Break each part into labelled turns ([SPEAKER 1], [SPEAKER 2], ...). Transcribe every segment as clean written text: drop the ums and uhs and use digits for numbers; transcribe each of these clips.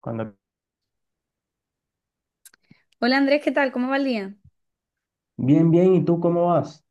[SPEAKER 1] Cuando...
[SPEAKER 2] Hola Andrés, ¿qué tal? ¿Cómo va el día?
[SPEAKER 1] Bien, bien, ¿y tú cómo vas?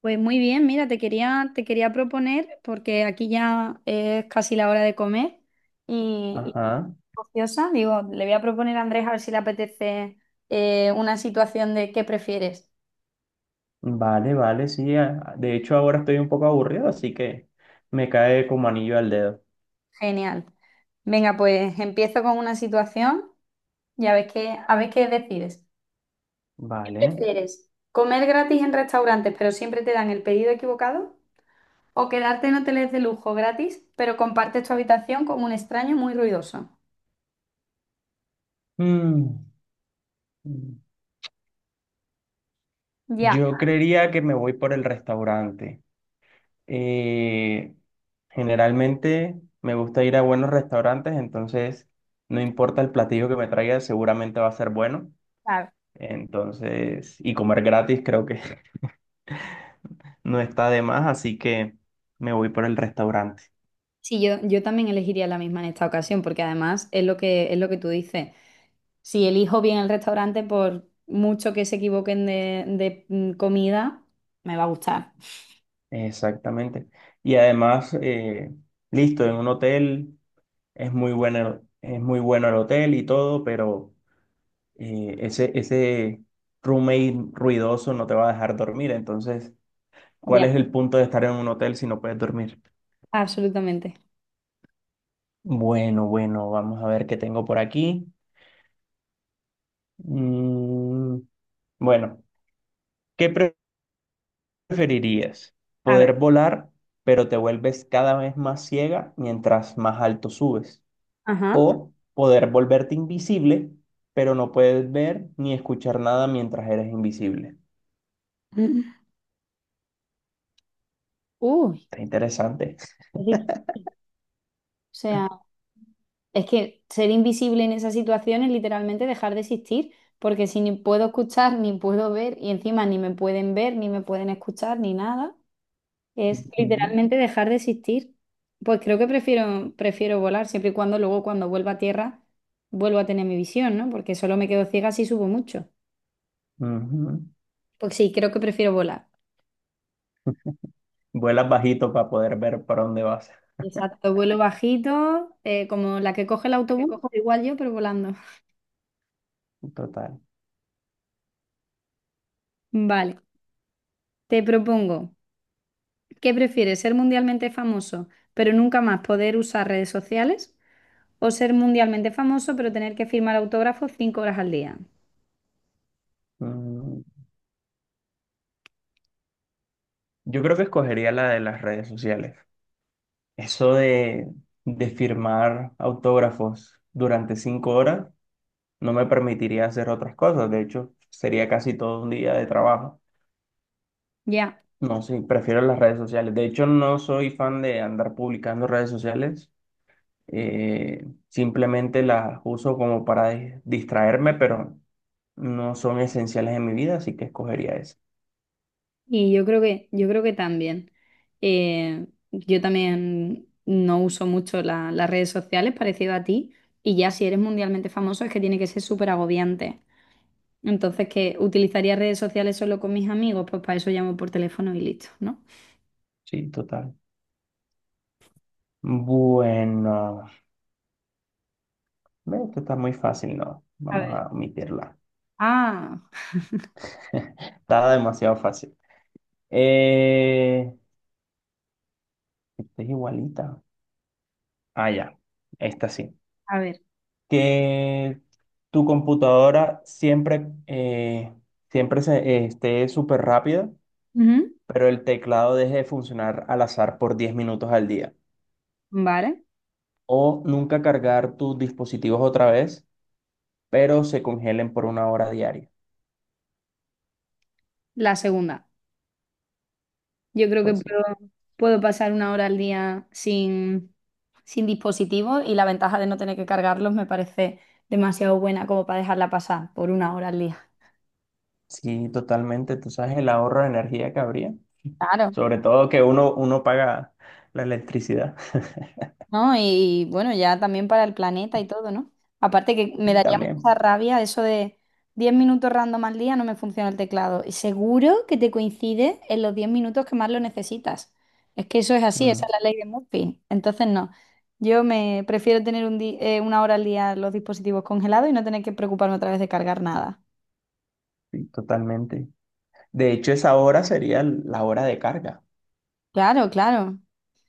[SPEAKER 2] Pues muy bien, mira, te quería proponer, porque aquí ya es casi la hora de comer y
[SPEAKER 1] Ajá,
[SPEAKER 2] ociosa, digo, le voy a proponer a Andrés a ver si le apetece una situación de ¿qué prefieres?
[SPEAKER 1] vale, vale, sí. De hecho, ahora estoy un poco aburrido, así que me cae como anillo al dedo.
[SPEAKER 2] Genial. Venga, pues empiezo con una situación y a ver qué decides. ¿Qué
[SPEAKER 1] Vale.
[SPEAKER 2] ¿Prefieres comer gratis en restaurantes pero siempre te dan el pedido equivocado? ¿O quedarte en hoteles de lujo gratis pero compartes tu habitación con un extraño muy ruidoso?
[SPEAKER 1] Mm,
[SPEAKER 2] Ya.
[SPEAKER 1] Yo creería que me voy por el restaurante. Eh, Generalmente me gusta ir a buenos restaurantes, entonces no importa el platillo que me traiga, seguramente va a ser bueno.
[SPEAKER 2] Claro.
[SPEAKER 1] Entonces, y comer gratis creo que no está de más, así que me voy por el restaurante.
[SPEAKER 2] Sí, yo también elegiría la misma en esta ocasión, porque además es lo que tú dices. Si elijo bien el restaurante, por mucho que se equivoquen de comida, me va a gustar.
[SPEAKER 1] Exactamente. Y además, listo, en un hotel es muy bueno el hotel y todo, pero ese roommate ruidoso no te va a dejar dormir. Entonces, ¿cuál
[SPEAKER 2] Ya,
[SPEAKER 1] es el punto de estar en un hotel si no puedes dormir?
[SPEAKER 2] absolutamente.
[SPEAKER 1] Bueno, bueno, vamos a ver qué tengo por aquí. Mm, bueno, ¿qué pre- preferirías
[SPEAKER 2] A ver,
[SPEAKER 1] ¿poder volar, pero te vuelves cada vez más ciega mientras más alto subes?
[SPEAKER 2] ajá.
[SPEAKER 1] ¿O poder volverte invisible, pero no puedes ver ni escuchar nada mientras eres invisible?
[SPEAKER 2] Uy,
[SPEAKER 1] Está interesante.
[SPEAKER 2] es difícil. O sea, es que ser invisible en esas situaciones es literalmente dejar de existir, porque si ni puedo escuchar, ni puedo ver, y encima ni me pueden ver, ni me pueden escuchar, ni nada. Es
[SPEAKER 1] Ujú,
[SPEAKER 2] literalmente dejar de existir. Pues creo que prefiero volar, siempre y cuando luego cuando vuelva a tierra vuelvo a tener mi visión, ¿no? Porque solo me quedo ciega si subo mucho.
[SPEAKER 1] ujú.
[SPEAKER 2] Pues sí, creo que prefiero volar.
[SPEAKER 1] Vuelas bajito para poder ver para dónde vas.
[SPEAKER 2] Exacto, vuelo bajito, como la que coge el
[SPEAKER 1] ¿Qué
[SPEAKER 2] autobús,
[SPEAKER 1] co-
[SPEAKER 2] pues igual yo, pero volando.
[SPEAKER 1] Total.
[SPEAKER 2] Vale, te propongo, ¿qué prefieres? ¿Ser mundialmente famoso, pero nunca más poder usar redes sociales? ¿O ser mundialmente famoso, pero tener que firmar autógrafos 5 horas al día?
[SPEAKER 1] Mm, Yo creo que escogería la de las redes sociales. Eso de firmar autógrafos durante 5 horas no me permitiría hacer otras cosas. De hecho, sería casi todo un día de trabajo.
[SPEAKER 2] Ya.
[SPEAKER 1] No, sí, prefiero las redes sociales. De hecho, no soy fan de andar publicando redes sociales. Simplemente las uso como para distraerme, pero no son esenciales en mi vida, así que escogería eso.
[SPEAKER 2] Y yo creo que también. Eh, yo también no uso mucho las redes sociales, parecido a ti, y ya si eres mundialmente famoso es que tiene que ser súper agobiante. Entonces, que utilizaría redes sociales solo con mis amigos, pues para eso llamo por teléfono y listo, ¿no?
[SPEAKER 1] Sí, total. Bueno, ve, esto está muy fácil, ¿no?
[SPEAKER 2] A
[SPEAKER 1] Vamos
[SPEAKER 2] ver.
[SPEAKER 1] a omitirla.
[SPEAKER 2] Ah,
[SPEAKER 1] Está demasiado fácil. Eh, Esta es igualita. Ah, ya. Esta sí.
[SPEAKER 2] a ver.
[SPEAKER 1] Que tu computadora siempre, siempre esté súper rápida,
[SPEAKER 2] Ujú.
[SPEAKER 1] pero el teclado deje de funcionar al azar por 10 minutos al día.
[SPEAKER 2] Vale.
[SPEAKER 1] O nunca cargar tus dispositivos otra vez, pero se congelen por 1 hora diaria.
[SPEAKER 2] La segunda. Yo creo que
[SPEAKER 1] Pues sí,
[SPEAKER 2] puedo, puedo pasar una hora al día sin, sin dispositivos y la ventaja de no tener que cargarlos me parece demasiado buena como para dejarla pasar por una hora al día.
[SPEAKER 1] sí, totalmente. Tú sabes el ahorro de energía que habría.
[SPEAKER 2] Claro.
[SPEAKER 1] Sobre todo que uno paga la electricidad.
[SPEAKER 2] ¿No? Y, bueno, ya también para el planeta y todo, ¿no? Aparte que me
[SPEAKER 1] Sí,
[SPEAKER 2] daría mucha
[SPEAKER 1] también.
[SPEAKER 2] rabia eso de 10 minutos random al día no me funciona el teclado. Y seguro que te coincide en los 10 minutos que más lo necesitas. Es que eso es así, esa
[SPEAKER 1] Mm,
[SPEAKER 2] es la ley de Murphy. Entonces, no. Yo me prefiero tener una hora al día los dispositivos congelados y no tener que preocuparme otra vez de cargar nada.
[SPEAKER 1] sí, totalmente. De hecho, esa hora sería la hora de carga.
[SPEAKER 2] Claro, claro.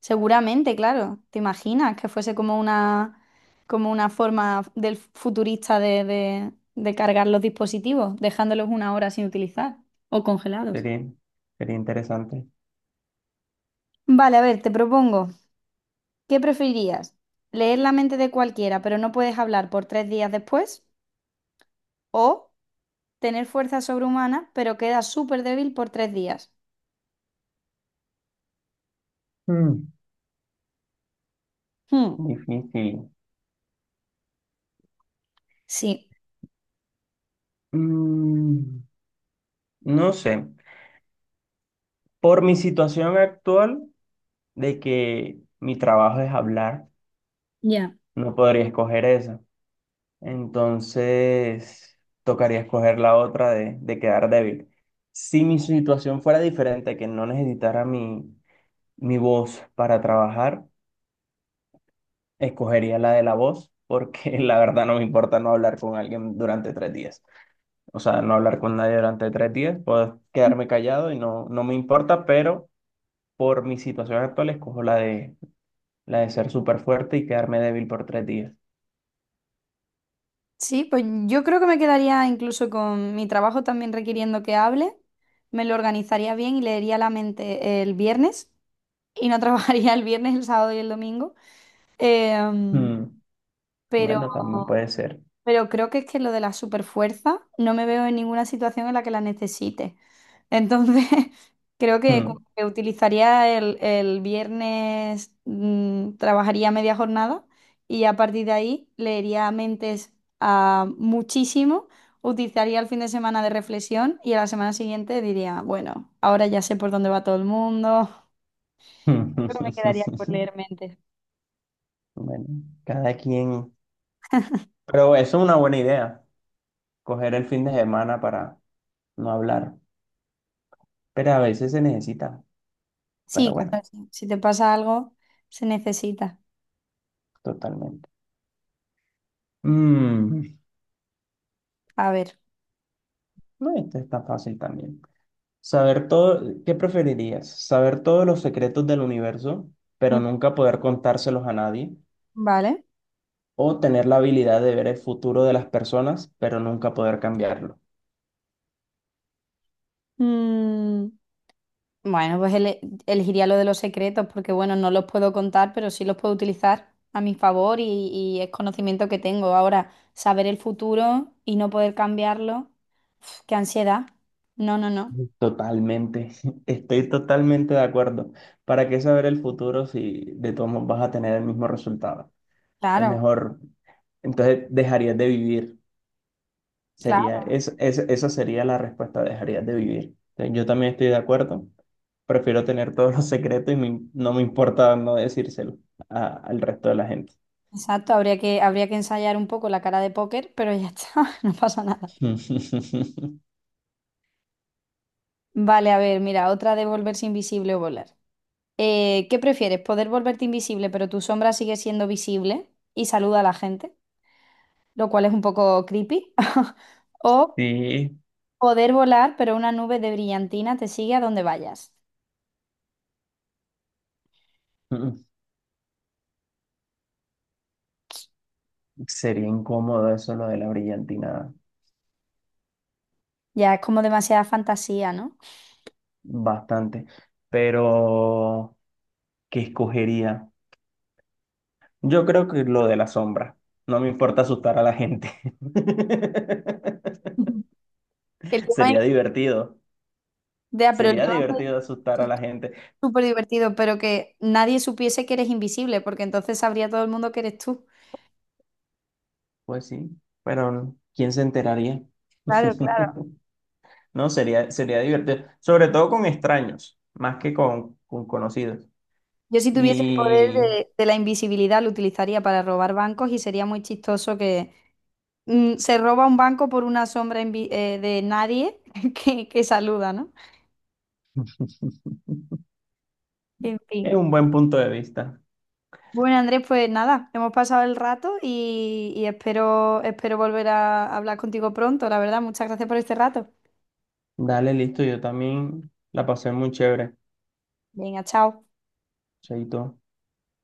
[SPEAKER 2] Seguramente, claro. ¿Te imaginas que fuese como una forma del futurista de cargar los dispositivos, dejándolos una hora sin utilizar o congelados?
[SPEAKER 1] Sería, sería interesante.
[SPEAKER 2] Vale, a ver, te propongo, ¿qué preferirías? ¿Leer la mente de cualquiera, pero no puedes hablar por 3 días después? ¿O tener fuerza sobrehumana, pero quedas súper débil por 3 días?
[SPEAKER 1] Mm,
[SPEAKER 2] Hmm,
[SPEAKER 1] Difícil.
[SPEAKER 2] Sí.
[SPEAKER 1] Mm, no sé. Por mi situación actual, de que mi trabajo es hablar,
[SPEAKER 2] Ya.
[SPEAKER 1] no podría escoger esa. Entonces, tocaría escoger la otra de quedar débil. Si mi situación fuera diferente, que no necesitara mi voz para trabajar, escogería la de la voz, porque la verdad no me importa no hablar con alguien durante 3 días. O sea, no hablar con nadie durante 3 días, puedo quedarme callado y no, no me importa, pero por mi situación actual escojo la de ser súper fuerte y quedarme débil por 3 días.
[SPEAKER 2] Sí, pues yo creo que me quedaría incluso con mi trabajo también requiriendo que hable, me lo organizaría bien y leería la mente el viernes y no trabajaría el viernes, el sábado y el domingo. Em,
[SPEAKER 1] Mm,
[SPEAKER 2] pero
[SPEAKER 1] Bueno, también puede ser.
[SPEAKER 2] creo que es que lo de la superfuerza no me veo en ninguna situación en la que la necesite. Entonces, creo que, como
[SPEAKER 1] Mm.
[SPEAKER 2] que utilizaría el viernes, trabajaría media jornada y a partir de ahí leería mentes a muchísimo, utilizaría el fin de semana de reflexión y a la semana siguiente diría, bueno, ahora ya sé por dónde va todo el mundo. Creo que me quedaría por leer mentes.
[SPEAKER 1] Bueno, cada quien. Pero eso es una buena idea, coger el fin de semana para no hablar. Pero a veces se necesita. Pero
[SPEAKER 2] Sí,
[SPEAKER 1] bueno,
[SPEAKER 2] claro, sí. Si te pasa algo, se necesita.
[SPEAKER 1] totalmente. Mm,
[SPEAKER 2] A ver.
[SPEAKER 1] No, esto está fácil también. Saber todo, ¿qué preferirías? ¿Saber todos los secretos del universo, pero
[SPEAKER 2] Mm.
[SPEAKER 1] nunca poder contárselos a nadie?
[SPEAKER 2] Vale.
[SPEAKER 1] ¿O tener la habilidad de ver el futuro de las personas, pero nunca poder cambiarlo?
[SPEAKER 2] Mm, bueno, pues elegiría lo de los secretos porque, bueno, no los puedo contar, pero sí los puedo utilizar a mi favor y es conocimiento que tengo. Ahora, saber el futuro y no poder cambiarlo, uf, qué ansiedad. No, no, no.
[SPEAKER 1] Totalmente, estoy totalmente de acuerdo. ¿Para qué saber el futuro si de todos modos vas a tener el mismo resultado? Es
[SPEAKER 2] Claro,
[SPEAKER 1] mejor, entonces dejarías de vivir. Sería,
[SPEAKER 2] claro,
[SPEAKER 1] esa sería la respuesta, dejarías de vivir. Entonces, yo también estoy de acuerdo. Prefiero tener todos los secretos y no me importa no decírselo al resto de la gente.
[SPEAKER 2] exacto. Habría que ensayar un poco la cara de póker, pero ya está, no pasa nada. Vale, a ver, mira, otra de volverse invisible o volar. ¿Qué prefieres? ¿Poder volverte invisible, pero tu sombra sigue siendo visible y saluda a la gente? Lo cual es un poco creepy. O
[SPEAKER 1] Sí,
[SPEAKER 2] poder volar, pero una nube de brillantina te sigue a donde vayas.
[SPEAKER 1] mm, sería incómodo eso lo de la brillantina,
[SPEAKER 2] Ya es como demasiada fantasía, ¿no?
[SPEAKER 1] bastante. Pero, ¿qué escogería? Yo creo que lo de la sombra. No me importa asustar a la gente.
[SPEAKER 2] Ujú. El tema
[SPEAKER 1] Sería
[SPEAKER 2] es,
[SPEAKER 1] divertido.
[SPEAKER 2] ya, pero el
[SPEAKER 1] Sería
[SPEAKER 2] tema
[SPEAKER 1] divertido asustar
[SPEAKER 2] es
[SPEAKER 1] a la gente.
[SPEAKER 2] súper divertido, pero que nadie supiese que eres invisible, porque entonces sabría todo el mundo que eres tú.
[SPEAKER 1] Pues sí, pero ¿quién se enteraría?
[SPEAKER 2] Claro, claro.
[SPEAKER 1] No, sería divertido. Sobre todo con extraños, más que con conocidos.
[SPEAKER 2] Yo si tuviese el poder
[SPEAKER 1] Y
[SPEAKER 2] de la invisibilidad lo utilizaría para robar bancos y sería muy chistoso que se roba un banco por una sombra de nadie que saluda, ¿no? En fin.
[SPEAKER 1] es un buen punto de vista.
[SPEAKER 2] Bueno, Andrés, pues nada, hemos pasado el rato y espero volver a hablar contigo pronto, la verdad. Muchas gracias por este rato.
[SPEAKER 1] Dale, listo. Yo también la pasé muy chévere.
[SPEAKER 2] Venga, chao.
[SPEAKER 1] Chaito.